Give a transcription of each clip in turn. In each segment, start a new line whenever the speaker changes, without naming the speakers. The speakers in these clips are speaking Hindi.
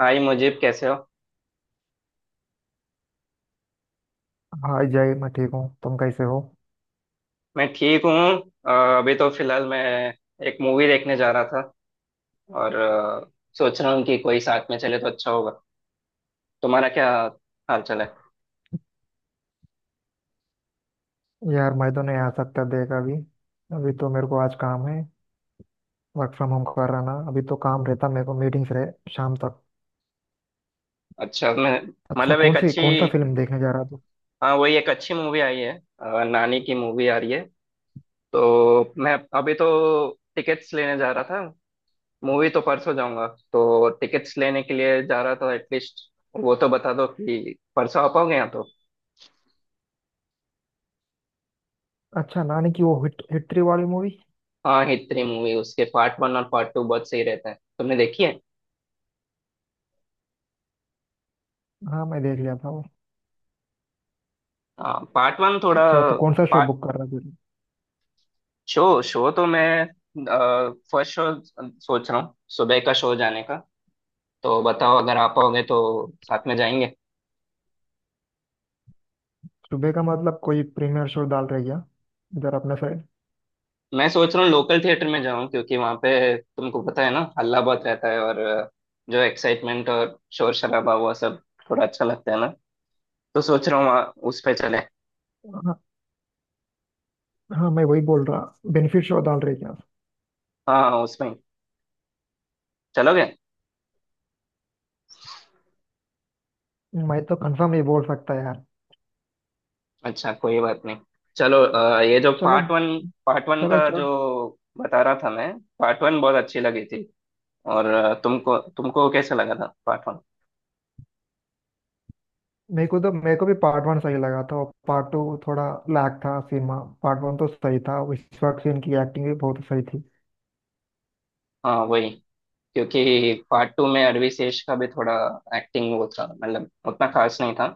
हाय मुजीब कैसे हो?
हाय जय, मैं ठीक हूँ। तुम कैसे हो?
मैं ठीक हूँ। अ, अभी तो फिलहाल मैं एक मूवी देखने जा रहा था, और सोच रहा हूँ कि कोई साथ में चले तो अच्छा होगा। तुम्हारा क्या हाल चाल है?
यार, मैं तो नहीं आ सकता देख अभी। अभी तो मेरे को आज काम है। वर्क फ्रॉम होम कर रहा ना, अभी तो काम रहता मेरे को, मीटिंग्स रहे शाम तक।
अच्छा, मैं
अच्छा,
मतलब
कौन
एक
सी
अच्छी,
कौन सा फिल्म देखने जा रहा तू?
हाँ वही एक अच्छी मूवी आई है। नानी की मूवी आ रही है, तो मैं अभी तो टिकट्स लेने जा रहा था। मूवी तो परसों जाऊंगा, तो टिकट्स लेने के लिए जा रहा था एटलीस्ट। वो तो बता दो कि परसों आ पाओगे यहाँ तो।
अच्छा, नानी की वो हिट हिटरी वाली मूवी?
हाँ, हिटरी मूवी, उसके पार्ट वन और पार्ट टू बहुत सही रहते हैं, तुमने देखी है?
हाँ, मैं देख लिया था वो।
हाँ पार्ट वन थोड़ा।
अच्छा, तो कौन सा शो
पार्ट,
बुक कर रहा है तुझे?
शो शो तो मैं फर्स्ट शो सोच रहा हूँ, सुबह का शो जाने का। तो बताओ अगर आप आओगे तो साथ में जाएंगे।
सुबह का मतलब कोई प्रीमियर शो डाल रही क्या इधर अपने साइड?
मैं सोच रहा हूँ लोकल थिएटर में जाऊँ, क्योंकि वहाँ पे तुमको पता है ना, हल्ला बहुत रहता है, और जो एक्साइटमेंट और शोर शराबा हुआ सब थोड़ा अच्छा लगता है ना। तो सोच रहा हूँ वहाँ उस पे चले।
हाँ, हाँ, मैं वही बोल रहा। बेनिफिट शो डाल रही क्या?
हाँ उसमें चलोगे?
मैं तो कंफर्म ये बोल सकता है यार।
अच्छा कोई बात नहीं। चलो ये जो
चलो,
पार्ट वन, पार्ट वन
चलो,
का जो
चलो।
बता रहा था मैं, पार्ट वन बहुत अच्छी लगी थी। और तुमको तुमको कैसा लगा था पार्ट वन?
मेरे को भी पार्ट वन सही लगा था, और पार्ट टू थोड़ा लैग था सीन में। पार्ट वन तो सही था, विश्वास सेन की एक्टिंग भी बहुत सही थी।
हाँ वही, क्योंकि पार्ट टू में अरवी शेष का भी थोड़ा एक्टिंग वो था, मतलब उतना खास नहीं था।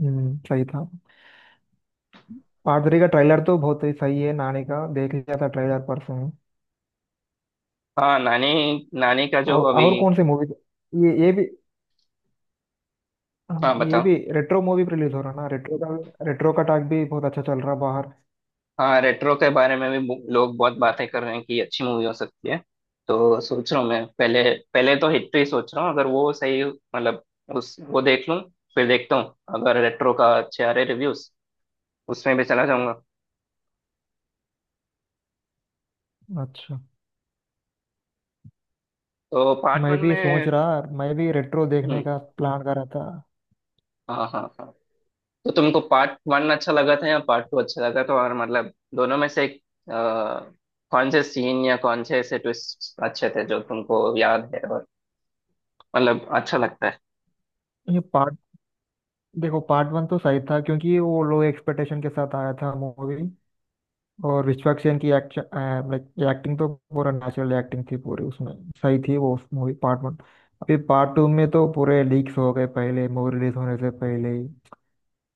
सही था। पार्ट थ्री का ट्रेलर तो बहुत ही सही है नानी का, देख लिया था ट्रेलर परसों ही।
हाँ नानी, नानी का जो
और
अभी।
और कौन सी मूवी? ये भी।
हाँ
हाँ, ये
बताओ।
भी रेट्रो मूवी रिलीज हो रहा ना, रेट्रो का टॉक भी बहुत अच्छा चल रहा बाहर।
हाँ, रेट्रो के बारे में भी लोग बहुत बातें कर रहे हैं कि अच्छी मूवी हो सकती है। तो सोच रहा हूँ मैं पहले, पहले तो हिट ही सोच रहा हूँ, अगर वो सही मतलब उस वो देख लूँ, फिर देखता हूँ। अगर रेट्रो का अच्छे आ रहे रिव्यूज उसमें भी चला जाऊंगा।
अच्छा,
तो पार्ट वन में,
मैं भी रेट्रो देखने
हम्म,
का प्लान कर रहा था।
हाँ हाँ हाँ, तो तुमको पार्ट वन अच्छा लगा था या पार्ट टू अच्छा लगा था? और मतलब दोनों में से एक, अ, कौन से सीन या कौन से ऐसे ट्विस्ट अच्छे थे जो तुमको याद है और मतलब अच्छा लगता है?
ये पार्ट देखो, पार्ट वन तो सही था क्योंकि वो लो एक्सपेक्टेशन के साथ आया था मूवी। और विश्वक सेन की एक्टिंग तो पूरा नेचुरल एक्टिंग थी पूरी उसमें। सही थी वो मूवी पार्ट वन। अभी पार्ट टू में तो पूरे लीक्स हो गए पहले, मूवी रिलीज होने से पहले ही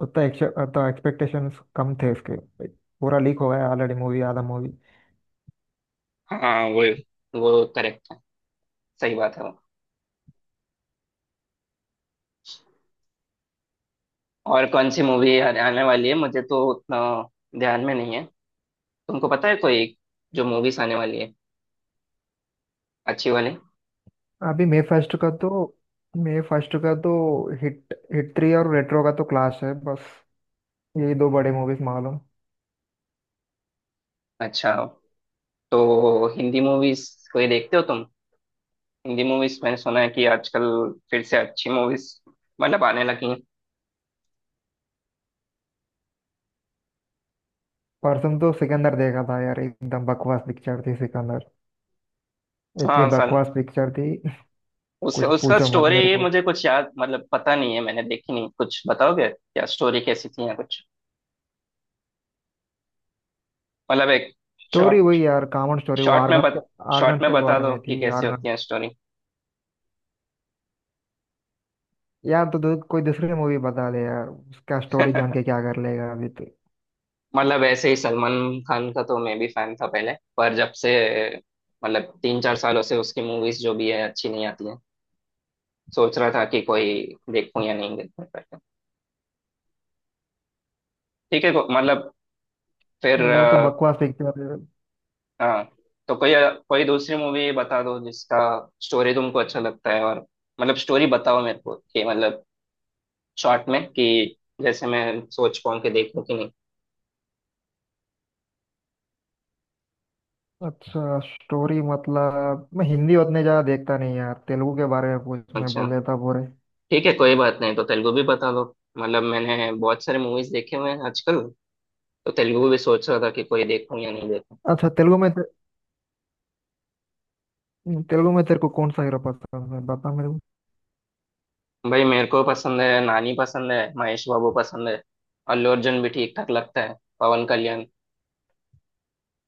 उतना उतना एक्सपेक्टेशंस कम थे उसके, पूरा लीक हो गया ऑलरेडी मूवी, आधा मूवी।
हाँ वो करेक्ट, सही बात है। और कौन सी मूवी आने वाली है, मुझे तो उतना ध्यान में नहीं है। तुमको पता है कोई जो मूवीज आने वाली है, अच्छी वाली?
अभी मे फर्स्ट का तो हिट हिट थ्री और रेट्रो का तो क्लाश है बस। यही दो बड़े मूवीज मालूम।
अच्छा तो हिंदी मूवीज कोई देखते हो तुम? हिंदी मूवीज मैंने सुना है कि आजकल फिर से अच्छी मूवीज मतलब आने लगी हैं।
परसों तो सिकंदर देखा था यार, एकदम बकवास पिक्चर थी सिकंदर। इतनी
हाँ सन,
बकवास पिक्चर थी।
उस
कुछ
उसका
पूछो मत मेरे।
स्टोरी मुझे कुछ याद, मतलब पता नहीं है, मैंने देखी नहीं, कुछ बताओगे क्या स्टोरी कैसी थी या कुछ मतलब एक,
स्टोरी
शॉर्ट,
वही यार, कॉमन स्टोरी, वो
शॉर्ट में
आर्गन के
बत
आर्गन
शॉर्ट में
के
बता
बारे
दो
में
कि
थी
कैसी
आर्गन।
होती है स्टोरी।
यार, कोई दूसरी मूवी बता दे यार, उसका स्टोरी जान के क्या कर लेगा अभी तो।
मतलब ऐसे ही सलमान खान का तो मैं भी फैन था पहले, पर जब से, मतलब 3 4 सालों से उसकी मूवीज जो भी है अच्छी नहीं आती है, सोच रहा था कि कोई देखूं या नहीं देखूं करके। ठीक है, मतलब, फिर
वो तो बकवास पिक्चर है।
हाँ तो कोई, कोई दूसरी मूवी बता दो जिसका स्टोरी तुमको अच्छा लगता है, और मतलब स्टोरी बताओ मेरे को कि मतलब शॉर्ट में, कि जैसे मैं सोच पाऊँ कि देखूं कि नहीं।
अच्छा, स्टोरी मतलब मैं हिंदी उतने ज्यादा देखता नहीं यार, तेलुगु के बारे में पूछ मैं
अच्छा
बोल देता पूरे।
ठीक है, कोई बात नहीं, तो तेलुगु भी बता दो। मतलब मैंने बहुत सारे मूवीज देखे हुए हैं आजकल, तो तेलुगु भी सोच रहा था कि कोई देखूं या नहीं देखूं।
अच्छा, तेलुगु में तेलुगु में तेरे को कौन सा हीरो पसंद है बता मेरे को?
भाई मेरे को पसंद है नानी, पसंद है महेश बाबू, पसंद है अल्लू अर्जुन भी, ठीक ठाक लगता है पवन कल्याण,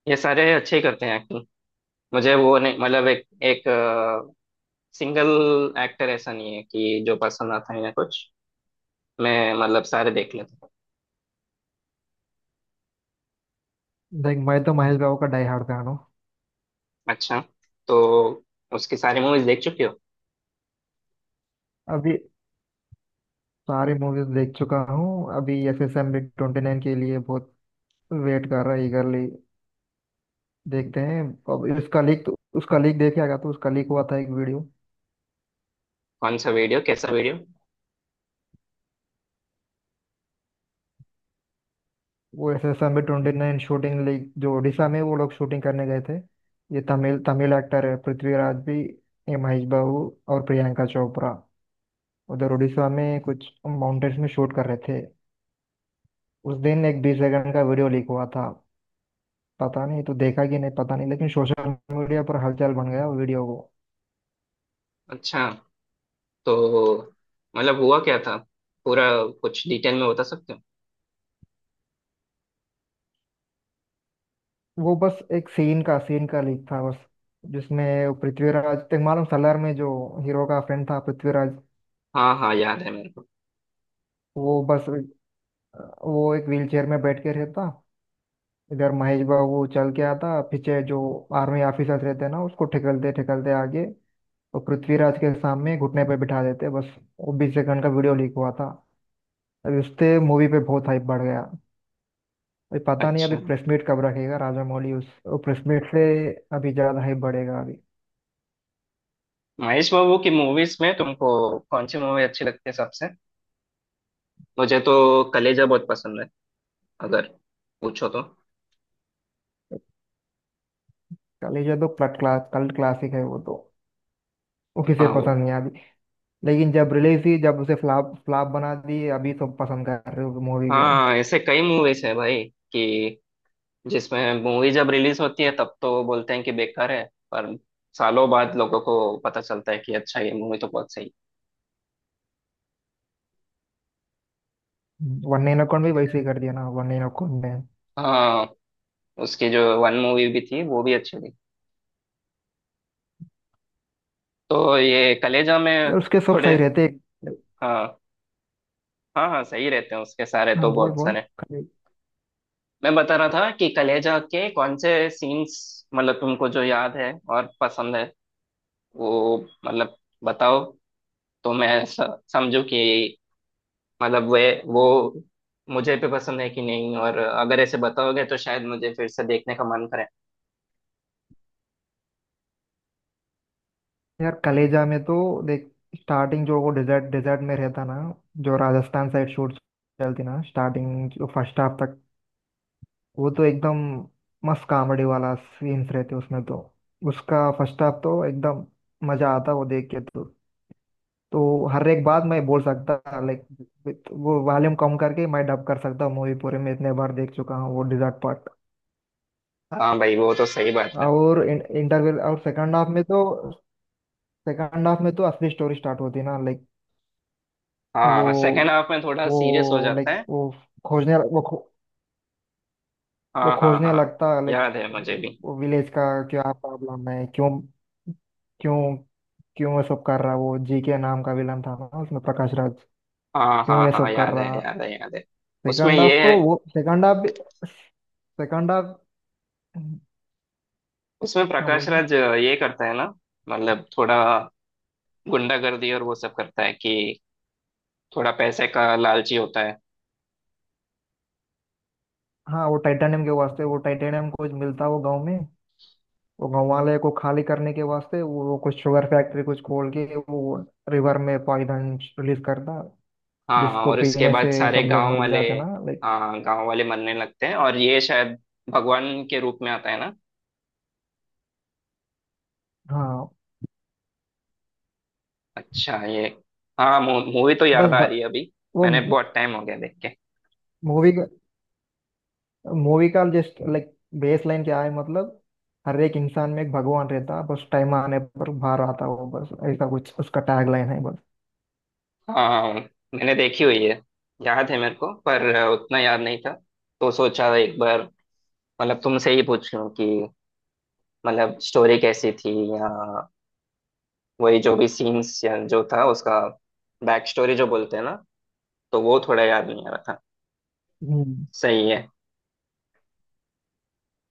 ये सारे अच्छे ही करते हैं एक्टिंग। मुझे वो नहीं मतलब एक एक सिंगल एक्टर ऐसा नहीं है कि जो पसंद आता है या कुछ, मैं मतलब सारे देख लेता हूँ।
देख, मैं तो महेश बाबू का डाई हार्ड फैन हूँ।
अच्छा, तो उसकी सारी मूवीज देख चुके हो?
अभी सारी मूवीज देख चुका हूँ, अभी एस एस एम 29 के लिए बहुत वेट कर रहा है eagerly। देखते हैं। अब उसका लीक तो, उसका लीक देखे आएगा तो, उसका लीक हुआ था एक वीडियो।
कौन सा वीडियो, कैसा वीडियो?
वो एस एस में 29 शूटिंग लीग जो उड़ीसा में, वो लोग शूटिंग करने गए थे। ये तमिल तमिल एक्टर है पृथ्वीराज भी, ये महेश बाबू और प्रियंका चोपड़ा, उधर उड़ीसा में कुछ माउंटेन्स में शूट कर रहे थे। उस दिन एक 20 सेकंड का वीडियो लीक हुआ था। पता नहीं तो देखा कि नहीं, पता नहीं, लेकिन सोशल मीडिया पर हलचल बन गया वीडियो को।
अच्छा, तो मतलब हुआ क्या था पूरा, कुछ डिटेल में बता सकते हो?
वो बस एक सीन का लीक था बस, जिसमें पृथ्वीराज, तक मालूम सलार में जो हीरो का फ्रेंड था पृथ्वीराज,
हाँ हाँ, याद है मेरे को।
वो बस वो एक व्हीलचेयर में बैठ के रहता, इधर महेश बाबू चल के आता, पीछे जो आर्मी ऑफिसर्स रहते हैं ना, उसको ठेकलते ठेकलते आगे और पृथ्वीराज के सामने घुटने पे बिठा देते बस। वो 20 सेकंड का वीडियो लीक हुआ था। अभी उससे मूवी पे बहुत हाइप बढ़ गया। अभी पता नहीं अभी
अच्छा
प्रेस मीट कब रखेगा राजा मौली, उस प्रेस मीट से अभी ज्यादा हाइप बढ़ेगा अभी।
महेश बाबू की मूवीज में तुमको कौन सी मूवी अच्छी लगती है सबसे? मुझे तो कलेजा बहुत पसंद है, अगर पूछो तो।
चलिए, ये तो क्लट क्लास कल्ट क्लासिक है वो तो, वो किसे
हाँ वो।
पसंद नहीं आती? लेकिन जब रिलीज हुई जब उसे फ्लॉप फ्लॉप बना दी, अभी सब पसंद कर रहे हो मूवी को।
हाँ ऐसे कई मूवीज है भाई कि जिसमें मूवी जब रिलीज होती है तब तो बोलते हैं कि बेकार है, पर सालों बाद लोगों को पता चलता है कि अच्छा ये मूवी तो बहुत सही।
वन नाइन अकाउंट भी वैसे ही कर दिया ना, वन नाइन अकाउंट ने।
हाँ उसकी जो वन मूवी भी थी वो भी अच्छी थी। तो ये कलेजा में
यार उसके सब
थोड़े,
सही रहते।
हाँ हाँ हाँ सही रहते हैं उसके सारे तो
हाँ, बोल
बहुत
बोल
सारे।
कले-
मैं बता रहा था कि कलेजा के कौन से सीन्स मतलब तुमको जो याद है और पसंद है वो मतलब बताओ, तो मैं समझूं कि मतलब वे वो मुझे पे पसंद है कि नहीं, और अगर ऐसे बताओगे तो शायद मुझे फिर से देखने का मन करे।
यार कलेजा में तो देख, स्टार्टिंग जो वो डेजर्ट डेजर्ट में रहता ना, जो राजस्थान साइड शूट चलती ना, स्टार्टिंग जो फर्स्ट हाफ तक, वो तो एकदम मस्त कॉमेडी वाला सीन्स रहते उसमें तो। उसका फर्स्ट हाफ तो एकदम मजा आता वो देख के तो। तो हर एक बात मैं बोल सकता लाइक, वो वॉल्यूम कम करके मैं डब कर सकता हूँ मूवी पूरे में, इतने बार देख चुका हूँ वो डिजर्ट पार्ट।
हाँ भाई वो तो सही बात है।
और इंटरवल और सेकंड हाफ में तो असली स्टोरी स्टार्ट होती है ना लाइक। वो
हाँ सेकेंड हाफ में थोड़ा सीरियस हो
वो
जाता
लाइक
है।
वो खोजने वो खो, वो
हाँ हाँ
खोजने
हाँ,
लगता है,
याद है मुझे भी।
वो विलेज का क्या प्रॉब्लम है, क्यों, क्यों, क्यों ये सब कर रहा, वो जी के नाम का विलन था ना उसमें प्रकाश राज,
हाँ
क्यों
हाँ
ये
हाँ,
सब कर
याद है,
रहा?
याद है, याद है। उसमें
सेकंड
ये
हाफ तो
है,
वो सेकंड हाफ सेकंड हाफ।
उसमें
हाँ, बोल
प्रकाश
रहे।
राज ये करता है ना, मतलब थोड़ा गुंडागर्दी और वो सब करता है कि थोड़ा पैसे का लालची होता है।
हाँ, वो टाइटेनियम के वास्ते, वो टाइटेनियम कुछ मिलता वो गांव में, वो गांव वाले को खाली करने के वास्ते वो कुछ शुगर फैक्ट्री कुछ खोल के, वो रिवर में पॉइजन रिलीज करता,
हाँ,
जिसको
और इसके
पीने
बाद
से
सारे
सब लोग
गांव
मर
वाले,
जाते ना लाइक।
हाँ गांव वाले मरने लगते हैं और ये शायद भगवान के रूप में आता है ना।
हाँ,
अच्छा ये, हाँ मूवी तो
बस
याद आ
ब,
रही है अभी।
वो
मैंने बहुत टाइम हो गया देख के।
मूवी का मूवी का जस्ट लाइक बेस लाइन क्या है मतलब, हर एक इंसान में एक भगवान रहता बस, टाइम आने पर बाहर आता वो बस, ऐसा कुछ उसका टैग लाइन है बस।
हाँ मैंने देखी हुई है, याद है मेरे को, पर उतना याद नहीं था, तो सोचा एक बार मतलब तुमसे ही पूछ लूं कि मतलब स्टोरी कैसी थी, या वही जो भी सीन्स या जो था उसका बैक स्टोरी जो बोलते हैं ना, तो वो थोड़ा याद नहीं आ रहा था।
हम्म
सही है,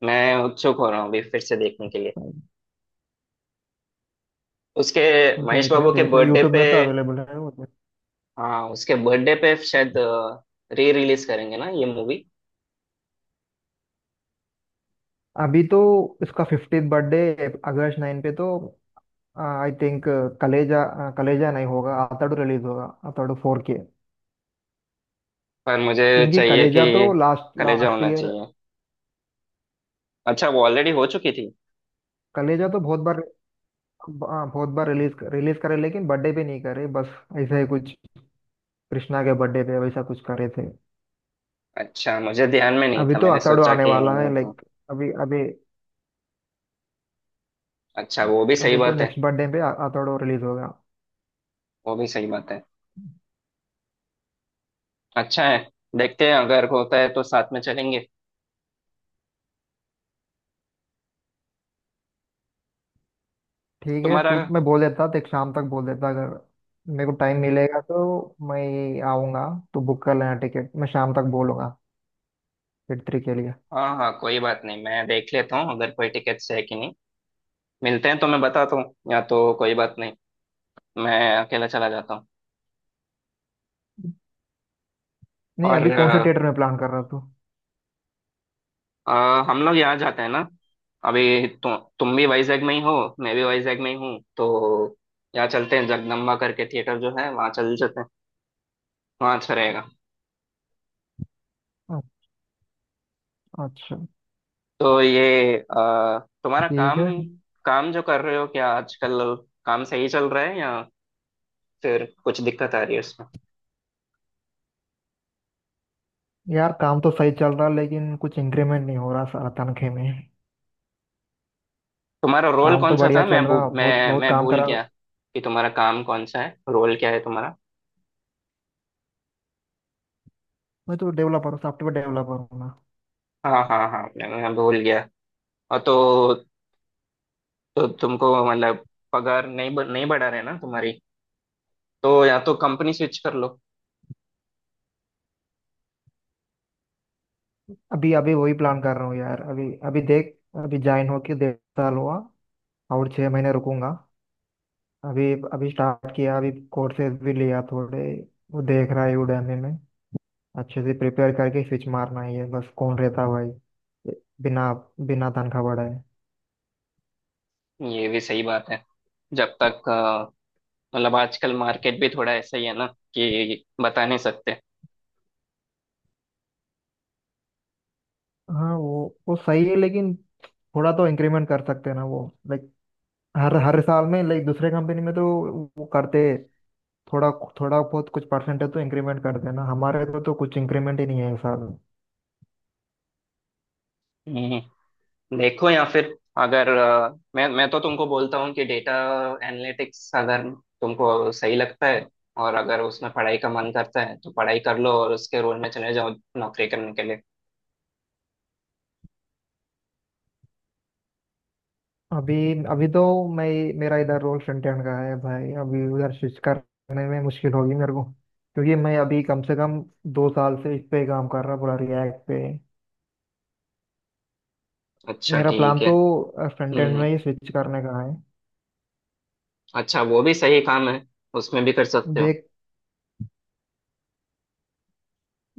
मैं उत्सुक हो रहा हूँ अभी फिर से देखने के लिए उसके। महेश
देख ले,
बाबू के
देख ले,
बर्थडे
यूट्यूब
पे
में तो अवेलेबल है वो तो।
हाँ, उसके बर्थडे पे शायद री रिलीज करेंगे ना ये मूवी।
अभी तो इसका 50th बर्थडे अगस्त 9 पे तो, आई थिंक कलेजा नहीं होगा, आतड़ू रिलीज होगा, आतड़ू 4 के,
पर मुझे
क्योंकि
चाहिए
कलेजा तो
कि
लास्ट
कलेजा
लास्ट
होना
ईयर,
चाहिए। अच्छा, वो ऑलरेडी हो चुकी थी।
कलेजा तो बहुत बार रिलीज रिलीज करे लेकिन बर्थडे पे नहीं करे बस, ऐसा ही कुछ कृष्णा के बर्थडे पे वैसा कुछ करे थे।
अच्छा मुझे ध्यान में नहीं
अभी
था,
तो
मैंने
आतड़ू
सोचा
आने
कि नहीं
वाला है
होती।
लाइक, अभी अभी।
अच्छा वो भी सही
अभी तो
बात है।
नेक्स्ट बर्थडे पे आतड़ू रिलीज होगा।
वो भी सही बात है, अच्छा है। देखते हैं अगर होता है तो साथ में चलेंगे।
ठीक है
तुम्हारा,
तू, मैं बोल देता देख शाम तक बोल देता, अगर मेरे को टाइम मिलेगा तो मैं आऊँगा, तो बुक कर लेना टिकट, मैं शाम तक बोलूँगा थिएटर 3 के लिए।
हाँ हाँ कोई बात नहीं, मैं देख लेता हूँ अगर कोई टिकट्स है कि नहीं मिलते हैं, तो मैं बताता हूँ, या तो कोई बात नहीं, मैं अकेला चला जाता हूँ।
नहीं,
और
अभी कौन से थिएटर में प्लान कर रहा तू?
अ, हम लोग यहाँ जाते हैं ना, अभी तुम भी वाइजैग में ही हो, मैं भी वाइजैग में ही हूँ, तो यहाँ चलते हैं जगदम्बा करके थिएटर जो है वहाँ, चल चलते हैं, वहाँ अच्छा रहेगा।
अ- अच्छा।
तो ये तुम्हारा
ठीक
काम,
है।
काम जो कर रहे हो क्या आजकल? काम सही चल रहा है या फिर कुछ दिक्कत आ रही है उसमें?
यार, काम तो सही चल रहा लेकिन कुछ इंक्रीमेंट नहीं हो रहा साला तनख्वाह में।
तुम्हारा रोल
काम
कौन
तो
सा
बढ़िया
था,
चल रहा, बहुत
मैं
बहुत
मैं
काम
भूल
करा।
गया कि तुम्हारा काम कौन सा है, रोल क्या है तुम्हारा?
मैं तो डेवलपर हूँ, सॉफ्टवेयर डेवलपर हूँ ना।
हाँ हाँ हाँ, मैं भूल गया। और तो तुमको मतलब पगार नहीं नहीं बढ़ा रहे ना तुम्हारी, तो या तो कंपनी स्विच कर लो।
अभी अभी वही प्लान कर रहा हूँ यार, अभी अभी देख, अभी ज्वाइन होके 1.5 साल हुआ, और 6 महीने रुकूंगा। अभी अभी स्टार्ट किया अभी, कोर्सेज भी लिया थोड़े, वो देख रहा है udemy में, अच्छे से प्रिपेयर करके स्विच मारना ही है बस, कौन रहता भाई ये बिना बिना तनख्वाह बढ़ाए।
ये भी सही बात है। जब तक मतलब आजकल मार्केट भी थोड़ा ऐसा ही है ना, कि बता नहीं सकते।
हाँ, वो सही है लेकिन थोड़ा तो इंक्रीमेंट कर सकते हैं ना वो, लाइक, हर हर साल में लाइक, दूसरे कंपनी में तो वो करते, थोड़ा थोड़ा बहुत कुछ परसेंटेज तो इंक्रीमेंट करते हैं ना, हमारे तो कुछ इंक्रीमेंट ही नहीं है इस साल।
हम्म, देखो या फिर, अगर मैं तो तुमको बोलता हूँ कि डेटा एनालिटिक्स, अगर तुमको सही लगता है और अगर उसमें पढ़ाई का मन करता है, तो पढ़ाई कर लो और उसके रोल में चले जाओ, नौकरी करने के लिए।
अभी, अभी तो मैं मेरा इधर रोल फ्रंट एंड का है भाई, अभी उधर स्विच करने में मुश्किल होगी मेरे को, क्योंकि मैं अभी कम से कम 2 साल से इस पे काम कर रहा पूरा रिएक्ट पे।
अच्छा
मेरा प्लान
ठीक है।
तो फ्रंट एंड
हम्म।
में ही स्विच करने का है।
अच्छा वो भी सही काम है, उसमें भी कर सकते हो।
देख,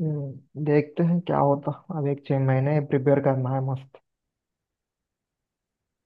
देखते हैं क्या होता। अब एक 6 महीने प्रिपेयर करना है मस्त।